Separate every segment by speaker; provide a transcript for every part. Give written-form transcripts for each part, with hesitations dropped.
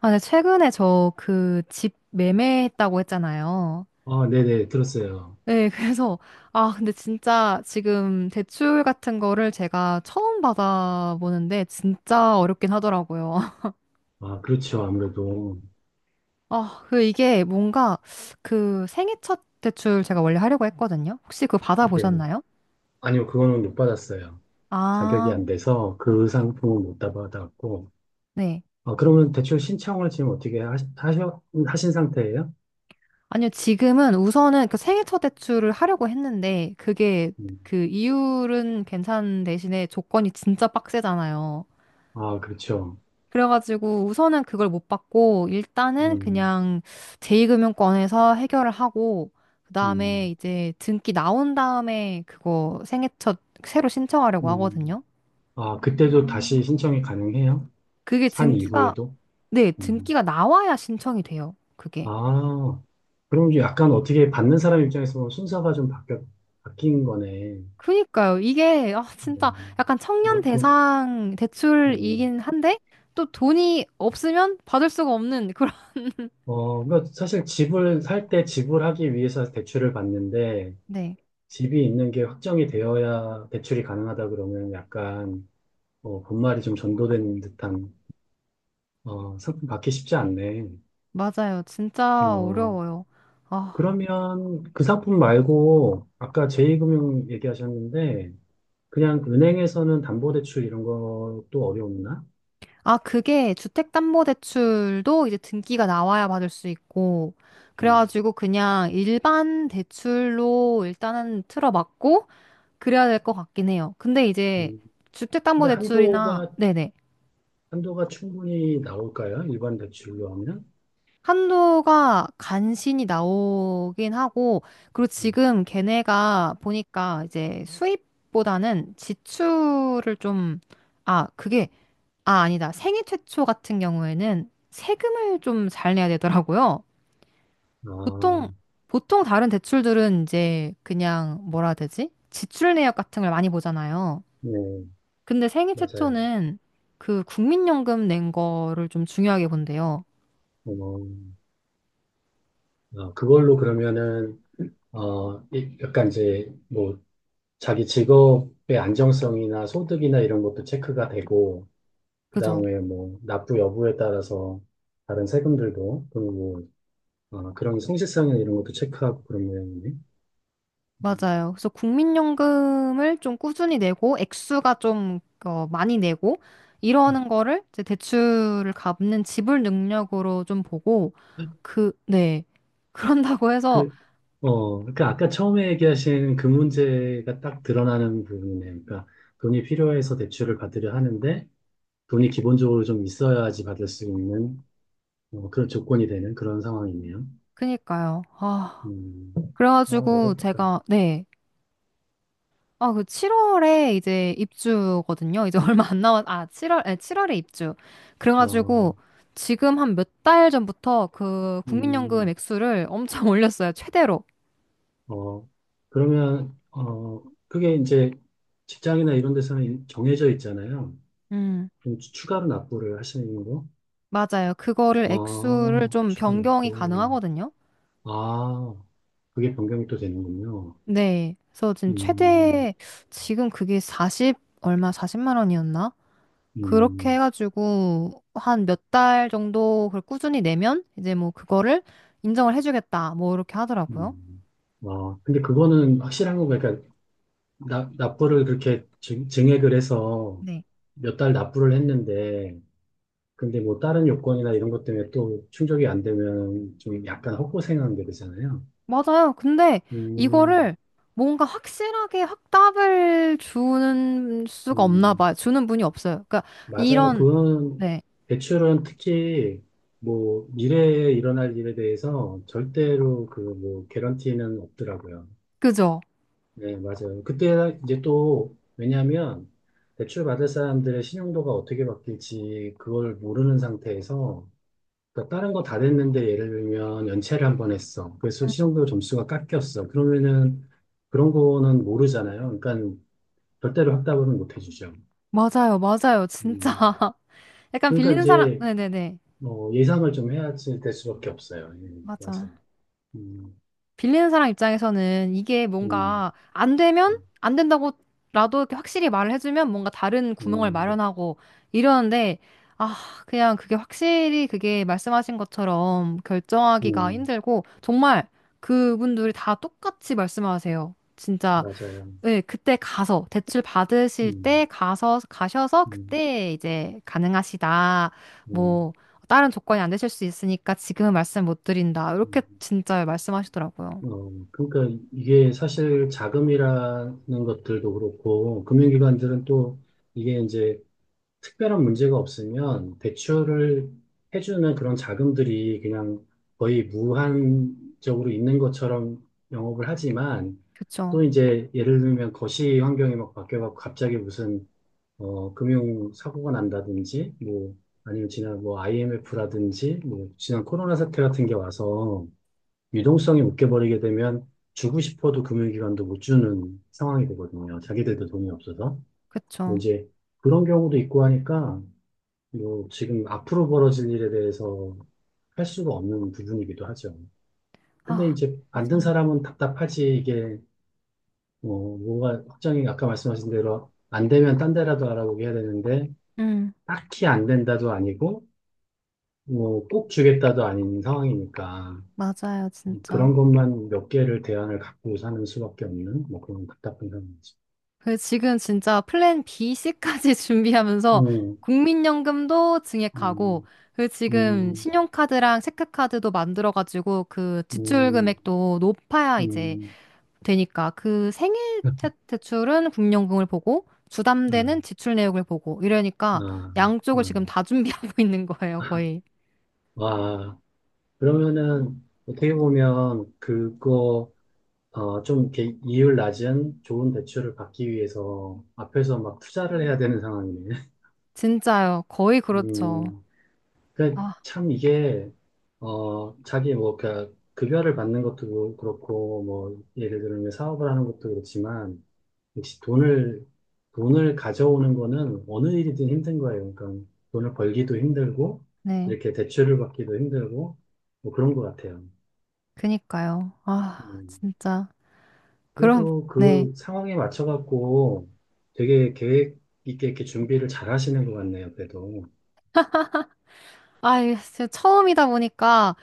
Speaker 1: 아, 네, 최근에 저 그 집 매매했다고 했잖아요.
Speaker 2: 아, 네네, 들었어요.
Speaker 1: 네, 그래서, 아, 근데 진짜 지금 대출 같은 거를 제가 처음 받아보는데 진짜 어렵긴 하더라고요.
Speaker 2: 아, 그렇죠. 아무래도.
Speaker 1: 아, 그 이게 뭔가 그 생애 첫 대출 제가 원래 하려고 했거든요. 혹시 그거
Speaker 2: 이게,
Speaker 1: 받아보셨나요?
Speaker 2: 아니요, 그거는 못 받았어요. 자격이
Speaker 1: 아,
Speaker 2: 안 돼서 그 상품은 못 받았고.
Speaker 1: 네.
Speaker 2: 아, 그러면 대출 신청을 지금 어떻게 하신 상태예요?
Speaker 1: 아니요, 지금은 우선은 그 생애 첫 대출을 하려고 했는데 그게
Speaker 2: 음.
Speaker 1: 그 이율은 괜찮은 대신에 조건이 진짜 빡세잖아요.
Speaker 2: 아, 그렇죠.
Speaker 1: 그래가지고 우선은 그걸 못 받고 일단은
Speaker 2: 음,
Speaker 1: 그냥 제2금융권에서 해결을 하고 그다음에
Speaker 2: 음,
Speaker 1: 이제 등기 나온 다음에 그거 생애첫 새로 신청하려고
Speaker 2: 음.
Speaker 1: 하거든요.
Speaker 2: 아, 그때도 다시 신청이 가능해요?
Speaker 1: 그게
Speaker 2: 산
Speaker 1: 등기가
Speaker 2: 이후에도?
Speaker 1: 네,
Speaker 2: 음.
Speaker 1: 등기가 나와야 신청이 돼요. 그게.
Speaker 2: 아, 그럼 이제 약간 어떻게 받는 사람 입장에서 보면 순서가 좀 바뀐 거네.
Speaker 1: 그니까요. 이게 아 진짜
Speaker 2: 음,
Speaker 1: 약간 청년
Speaker 2: 뭐, 돈,
Speaker 1: 대상
Speaker 2: 음.
Speaker 1: 대출이긴 한데 또 돈이 없으면 받을 수가 없는 그런
Speaker 2: 그러니까 사실 집을 살 때 지불하기 위해서 대출을 받는데
Speaker 1: 네.
Speaker 2: 집이 있는 게 확정이 되어야 대출이 가능하다 그러면 약간 본말이 좀 전도된 듯한 상품 받기 쉽지 않네.
Speaker 1: 맞아요. 진짜
Speaker 2: 어,
Speaker 1: 어려워요. 아.
Speaker 2: 그러면 그 상품 말고 아까 제2금융 얘기하셨는데 그냥 은행에서는 담보대출 이런 것도 어려웠나?
Speaker 1: 아, 그게 주택담보대출도 이제 등기가 나와야 받을 수 있고,
Speaker 2: 음,
Speaker 1: 그래가지고 그냥 일반 대출로 일단은 틀어막고, 그래야 될 것 같긴 해요. 근데 이제
Speaker 2: 음. 근데
Speaker 1: 주택담보대출이나,
Speaker 2: 한도가
Speaker 1: 네네.
Speaker 2: 한도가 충분히 나올까요? 일반 대출로 하면?
Speaker 1: 한도가 간신히 나오긴 하고, 그리고
Speaker 2: 음.
Speaker 1: 지금 걔네가 보니까 이제 수입보다는 지출을 좀, 아, 그게, 아, 아니다. 생애 최초 같은 경우에는 세금을 좀 잘 내야 되더라고요.
Speaker 2: 아,
Speaker 1: 보통, 보통 다른 대출들은 이제 그냥 뭐라 해야 되지? 지출 내역 같은 걸 많이 보잖아요.
Speaker 2: 네.
Speaker 1: 근데 생애
Speaker 2: 맞아요.
Speaker 1: 최초는 그 국민연금 낸 거를 좀 중요하게 본대요.
Speaker 2: 어, 그걸로 그러면은, 약간 이제, 뭐, 자기 직업의 안정성이나 소득이나 이런 것도 체크가 되고, 그
Speaker 1: 그죠?
Speaker 2: 다음에 뭐, 납부 여부에 따라서 다른 세금들도, 그리고, 그런 성실성이나 이런 것도 체크하고 그런 모양이네.
Speaker 1: 맞아요. 그래서 국민연금을 좀 꾸준히 내고 액수가 좀 많이 내고
Speaker 2: 음.
Speaker 1: 이러는 거를 이제 대출을 갚는 지불 능력으로 좀 보고 그, 네. 그런다고 해서
Speaker 2: 그, 그러니까 아까 처음에 얘기하신 그 문제가 딱 드러나는 부분이네요. 그러니까 돈이 필요해서 대출을 받으려 하는데 돈이 기본적으로 좀 있어야지 받을 수 있는 그런 조건이 되는 그런 상황이네요.
Speaker 1: 그니까요. 아,
Speaker 2: 음, 아,
Speaker 1: 그래가지고
Speaker 2: 어렵다.
Speaker 1: 제가 네. 아, 그 7월에 이제 입주거든요. 이제 얼마 안 남았, 아, 7월, 에 7월에 입주.
Speaker 2: 어,
Speaker 1: 그래가지고 지금 한 몇 달 전부터 그 국민연금
Speaker 2: 음,
Speaker 1: 액수를 엄청 올렸어요. 최대로.
Speaker 2: 어, 그러면, 그게 이제 직장이나 이런 데서는 정해져 있잖아요.
Speaker 1: 음,
Speaker 2: 그럼 추가로 납부를 하시는 거?
Speaker 1: 맞아요. 그거를 액수를
Speaker 2: 아,
Speaker 1: 좀
Speaker 2: 추가
Speaker 1: 변경이
Speaker 2: 납부.
Speaker 1: 가능하거든요.
Speaker 2: 아, 그게 변경이 또 되는군요.
Speaker 1: 네. 그래서 지금
Speaker 2: 음,
Speaker 1: 최대, 지금 그게 40, 얼마, 40만 원이었나? 그렇게
Speaker 2: 음,
Speaker 1: 해가지고 한 몇 달 정도 그걸 꾸준히 내면 이제 뭐 그거를 인정을 해주겠다. 뭐 이렇게 하더라고요.
Speaker 2: 음. 아, 근데 그거는 확실한 거, 그러니까 납부를 그렇게 증액을 해서
Speaker 1: 네.
Speaker 2: 몇 달 납부를 했는데, 근데 뭐 다른 요건이나 이런 것 때문에 또 충족이 안 되면 좀 약간 헛고생하는 게 되잖아요.
Speaker 1: 맞아요. 근데
Speaker 2: 음,
Speaker 1: 이거를 뭔가 확실하게 확답을 주는 수가 없나
Speaker 2: 음,
Speaker 1: 봐요. 주는 분이 없어요. 그러니까
Speaker 2: 맞아요.
Speaker 1: 이런,
Speaker 2: 그건
Speaker 1: 네.
Speaker 2: 대출은 특히 뭐 미래에 일어날 일에 대해서 절대로 그 뭐 개런티는 없더라고요.
Speaker 1: 그죠?
Speaker 2: 네, 맞아요. 그때 이제 또 왜냐하면 대출 받을 사람들의 신용도가 어떻게 바뀔지 그걸 모르는 상태에서 그러니까 다른 거 다 됐는데 예를 들면 연체를 한 번 했어. 그래서 시험도 점수가 깎였어. 그러면은 그런 거는 모르잖아요. 그러니까 절대로 확답은 못 해주죠.
Speaker 1: 맞아요. 맞아요. 진짜.
Speaker 2: 음.
Speaker 1: 약간
Speaker 2: 그러니까
Speaker 1: 빌리는 사람,
Speaker 2: 이제
Speaker 1: 네네네.
Speaker 2: 예상을 좀 해야지 될 수밖에 없어요. 예,
Speaker 1: 맞아.
Speaker 2: 맞아요. 음,
Speaker 1: 빌리는 사람 입장에서는 이게
Speaker 2: 음,
Speaker 1: 뭔가 안 되면
Speaker 2: 음,
Speaker 1: 안 된다고라도 이렇게 확실히 말을 해주면 뭔가 다른 구멍을
Speaker 2: 음,
Speaker 1: 마련하고 이러는데, 아, 그냥 그게 확실히 그게 말씀하신 것처럼 결정하기가
Speaker 2: 음,
Speaker 1: 힘들고, 정말 그분들이 다 똑같이 말씀하세요. 진짜,
Speaker 2: 맞아요.
Speaker 1: 네, 그때 가서, 대출 받으실 때
Speaker 2: 음,
Speaker 1: 가서, 가셔서
Speaker 2: 음,
Speaker 1: 그때 이제 가능하시다.
Speaker 2: 네.
Speaker 1: 뭐, 다른 조건이 안 되실 수 있으니까 지금은 말씀 못 드린다. 이렇게
Speaker 2: 음.
Speaker 1: 진짜 말씀하시더라고요.
Speaker 2: 그러니까 이게 사실 자금이라는 것들도 그렇고 금융기관들은 또 이게 이제 특별한 문제가 없으면 대출을 해주는 그런 자금들이 그냥 거의 무한적으로 있는 것처럼 영업을 하지만
Speaker 1: 그쵸,
Speaker 2: 또 이제 예를 들면 거시 환경이 막 바뀌어갖고 갑자기 무슨 금융 사고가 난다든지 뭐 아니면 지난 뭐 IMF라든지 뭐 지난 코로나 사태 같은 게 와서 유동성이 묶여버리게 되면 주고 싶어도 금융기관도 못 주는 상황이 되거든요. 자기들도 돈이 없어서.
Speaker 1: 그쵸.
Speaker 2: 뭐 이제 그런 경우도 있고 하니까 뭐 지금 앞으로 벌어질 일에 대해서 할 수가 없는 부분이기도 하죠. 근데
Speaker 1: 아,
Speaker 2: 이제 만든
Speaker 1: 맞아요.
Speaker 2: 사람은 답답하지 이게 뭐가 확정이 아까 말씀하신 대로 안 되면 딴 데라도 알아보게 해야 되는데
Speaker 1: 음,
Speaker 2: 딱히 안 된다도 아니고 뭐 꼭 주겠다도 아닌 상황이니까
Speaker 1: 맞아요, 진짜.
Speaker 2: 그런 것만 몇 개를 대안을 갖고 사는 수밖에 없는 뭐 그런 답답한 상황이죠.
Speaker 1: 그 지금 진짜 플랜 B, C까지 준비하면서
Speaker 2: 음,
Speaker 1: 국민연금도 증액하고,
Speaker 2: 음,
Speaker 1: 그 지금
Speaker 2: 음,
Speaker 1: 신용카드랑 체크카드도 만들어가지고 그 지출
Speaker 2: 음,
Speaker 1: 금액도 높아야 이제
Speaker 2: 음,
Speaker 1: 되니까 그 생애 대출은 국민연금을 보고 주담대는
Speaker 2: 음,
Speaker 1: 지출 내역을 보고 이러니까
Speaker 2: 아,
Speaker 1: 양쪽을 지금
Speaker 2: 아.
Speaker 1: 다 준비하고 있는 거예요, 거의.
Speaker 2: 와. 그러면은 어떻게 보면 그거 좀 이렇게 이율 낮은 좋은 대출을 받기 위해서 앞에서 막 투자를 해야 되는 상황이네.
Speaker 1: 진짜요, 거의 그렇죠.
Speaker 2: 음, 그러니까
Speaker 1: 아,
Speaker 2: 참 이게 자기 뭐 그러니까 급여를 받는 것도 뭐 그렇고 뭐 예를 들면 사업을 하는 것도 그렇지만 역시 돈을 가져오는 거는 어느 일이든 힘든 거예요. 그러니까 돈을 벌기도 힘들고
Speaker 1: 네.
Speaker 2: 이렇게 대출을 받기도 힘들고 뭐 그런 것 같아요.
Speaker 1: 그니까요. 아,
Speaker 2: 음.
Speaker 1: 진짜. 그럼,
Speaker 2: 그래도
Speaker 1: 네.
Speaker 2: 그 상황에 맞춰갖고 되게 계획 있게 이렇게 준비를 잘 하시는 것 같네요, 그래도.
Speaker 1: 아, 이게 진짜 처음이다 보니까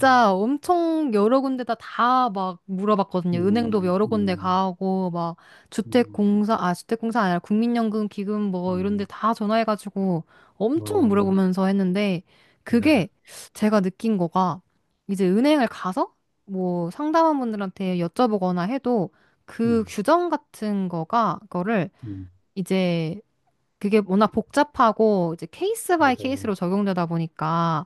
Speaker 2: 음,
Speaker 1: 엄청 여러 군데다 다 막 물어봤거든요. 은행도
Speaker 2: 음,
Speaker 1: 여러 군데
Speaker 2: 음,
Speaker 1: 가고, 막
Speaker 2: 음,
Speaker 1: 주택공사, 아, 주택공사 아니라 국민연금 기금 뭐 이런 데
Speaker 2: 음.
Speaker 1: 다 전화해가지고 엄청
Speaker 2: 어,
Speaker 1: 물어보면서 했는데 그게
Speaker 2: 야,
Speaker 1: 제가 느낀 거가 이제 은행을 가서 뭐 상담원분들한테 여쭤보거나 해도 그
Speaker 2: 음,
Speaker 1: 규정 같은 거를
Speaker 2: 음,
Speaker 1: 이제 그게 워낙 복잡하고 이제 케이스 바이
Speaker 2: 맞아요.
Speaker 1: 케이스로 적용되다 보니까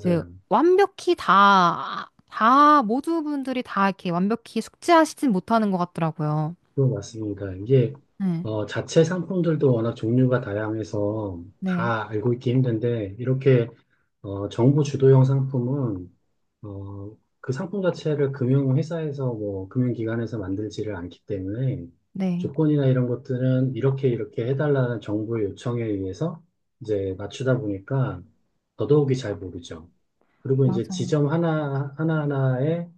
Speaker 1: 이제 완벽히 다 모두 분들이 다 이렇게 완벽히 숙지하시진 못하는 것 같더라고요.
Speaker 2: 그거 맞습니다. 이게,
Speaker 1: 네,
Speaker 2: 자체 상품들도 워낙 종류가 다양해서
Speaker 1: 네,
Speaker 2: 다 알고 있기 힘든데, 이렇게 정부 주도형 상품은 그 상품 자체를 금융회사에서 뭐 금융기관에서 만들지를 않기 때문에
Speaker 1: 네,
Speaker 2: 조건이나 이런 것들은 이렇게 이렇게 해달라는 정부의 요청에 의해서 이제 맞추다 보니까 더더욱이 잘 모르죠. 그리고 이제
Speaker 1: 맞아요.
Speaker 2: 지점 하나 하나하나에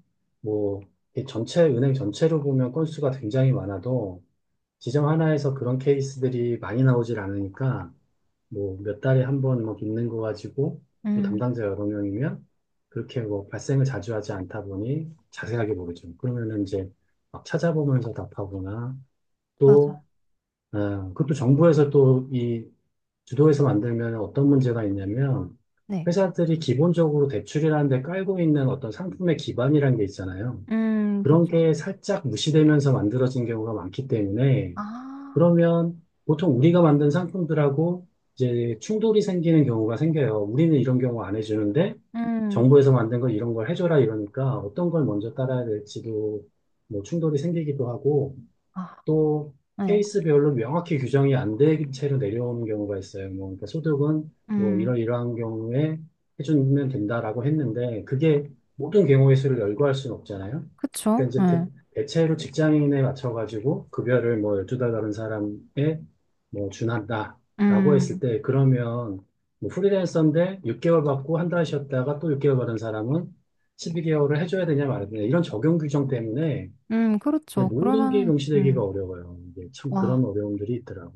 Speaker 2: 뭐 이렇게 전체 은행 전체로 보면 건수가 굉장히 많아도 지점 하나에서 그런 케이스들이 많이 나오질 않으니까 뭐 몇 달에 한 번 뭐 있는 거 가지고 또
Speaker 1: 음,
Speaker 2: 담당자가 여러 명이면 그렇게 뭐 발생을 자주 하지 않다 보니 자세하게 모르죠. 그러면은 이제 막 찾아보면서 답하거나
Speaker 1: 맞아요.
Speaker 2: 또 그것도 정부에서 또 이 주도해서 만들면 어떤 문제가 있냐면
Speaker 1: 네,
Speaker 2: 회사들이 기본적으로 대출이라는 데 깔고 있는 어떤 상품의 기반이라는 게 있잖아요. 그런
Speaker 1: 그쵸.
Speaker 2: 게 살짝 무시되면서 만들어진 경우가 많기 때문에
Speaker 1: 아,
Speaker 2: 그러면 보통 우리가 만든 상품들하고 이제 충돌이 생기는 경우가 생겨요. 우리는 이런 경우 안 해주는데
Speaker 1: 음,
Speaker 2: 정부에서 만든 걸 이런 걸 해줘라 이러니까 어떤 걸 먼저 따라야 될지도 뭐 충돌이 생기기도 하고
Speaker 1: 아,
Speaker 2: 또
Speaker 1: 네,
Speaker 2: 케이스별로 명확히 규정이 안 된 채로 내려오는 경우가 있어요. 뭐, 그러니까 소득은 뭐
Speaker 1: 음,
Speaker 2: 이런 이러한 경우에 해주면 된다라고 했는데 그게 모든 경우의 수를 열거할 수는 없잖아요.
Speaker 1: 그쵸.
Speaker 2: 그러니까 이제
Speaker 1: 네,
Speaker 2: 대체로 직장인에 맞춰가지고 급여를 뭐 12달 다른 사람에 뭐 준한다라고 했을
Speaker 1: 음,
Speaker 2: 때 그러면 뭐 프리랜서인데 6개월 받고 한 달 쉬었다가 또 6개월 받은 사람은 12개월을 해줘야 되냐 말아야 되냐 이런 적용 규정 때문에 이게
Speaker 1: 그렇죠.
Speaker 2: 모든 게
Speaker 1: 그러면은,
Speaker 2: 동시되기가 어려워요. 이게 참
Speaker 1: 와,
Speaker 2: 그런 어려움들이 있더라고요.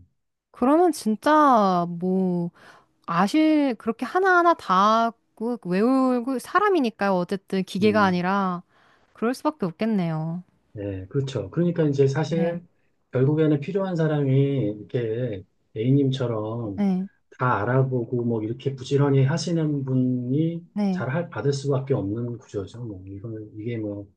Speaker 1: 그러면 진짜 뭐. 아실 그렇게 하나하나 다 외우고 사람이니까요. 어쨌든 기계가
Speaker 2: 음,
Speaker 1: 아니라 그럴 수밖에 없겠네요.
Speaker 2: 네, 그렇죠. 그러니까 이제
Speaker 1: 네,
Speaker 2: 사실 결국에는 필요한 사람이 이렇게 A님처럼
Speaker 1: 네,
Speaker 2: 다 알아보고 뭐 이렇게 부지런히 하시는 분이
Speaker 1: 네,
Speaker 2: 받을 수밖에 없는 구조죠. 뭐 이건 이게 뭐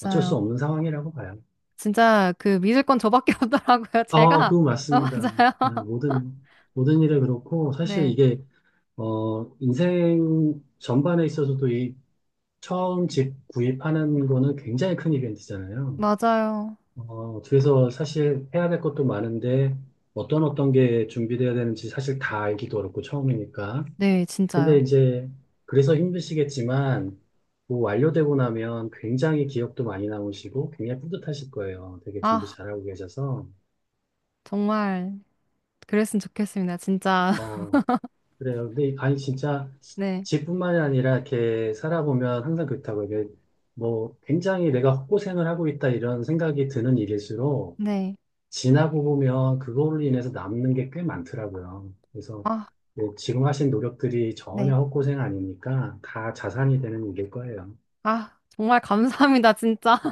Speaker 2: 어쩔 수 없는 상황이라고 봐요.
Speaker 1: 진짜 그 믿을 건 저밖에 없더라고요.
Speaker 2: 아,
Speaker 1: 제가
Speaker 2: 그거
Speaker 1: 아,
Speaker 2: 맞습니다.
Speaker 1: 맞아요.
Speaker 2: 네, 모든 일에 그렇고 사실
Speaker 1: 네,
Speaker 2: 이게 인생 전반에 있어서도 이 처음 집 구입하는 거는 굉장히 큰 이벤트잖아요.
Speaker 1: 맞아요.
Speaker 2: 그래서 사실 해야 될 것도 많은데 어떤 게 준비돼야 되는지 사실 다 알기도 어렵고 처음이니까.
Speaker 1: 네, 진짜요.
Speaker 2: 근데 이제 그래서 힘드시겠지만 뭐 완료되고 나면 굉장히 기억도 많이 남으시고 굉장히 뿌듯하실 거예요. 되게 준비
Speaker 1: 아,
Speaker 2: 잘하고 계셔서.
Speaker 1: 정말 그랬으면 좋겠습니다. 진짜.
Speaker 2: 어, 그래요. 근데 이 간이 진짜
Speaker 1: 네,
Speaker 2: 집뿐만이 아니라 이렇게 살아보면 항상 그렇다고 이게 뭐 굉장히 내가 헛고생을 하고 있다 이런 생각이 드는 일일수록
Speaker 1: 네,
Speaker 2: 지나고 보면 그걸로 인해서 남는 게 꽤 많더라고요. 그래서
Speaker 1: 아,
Speaker 2: 뭐 지금 하신 노력들이 전혀
Speaker 1: 네,
Speaker 2: 헛고생 아니니까 다 자산이 되는 일일 거예요.
Speaker 1: 아, 정말 감사합니다. 진짜.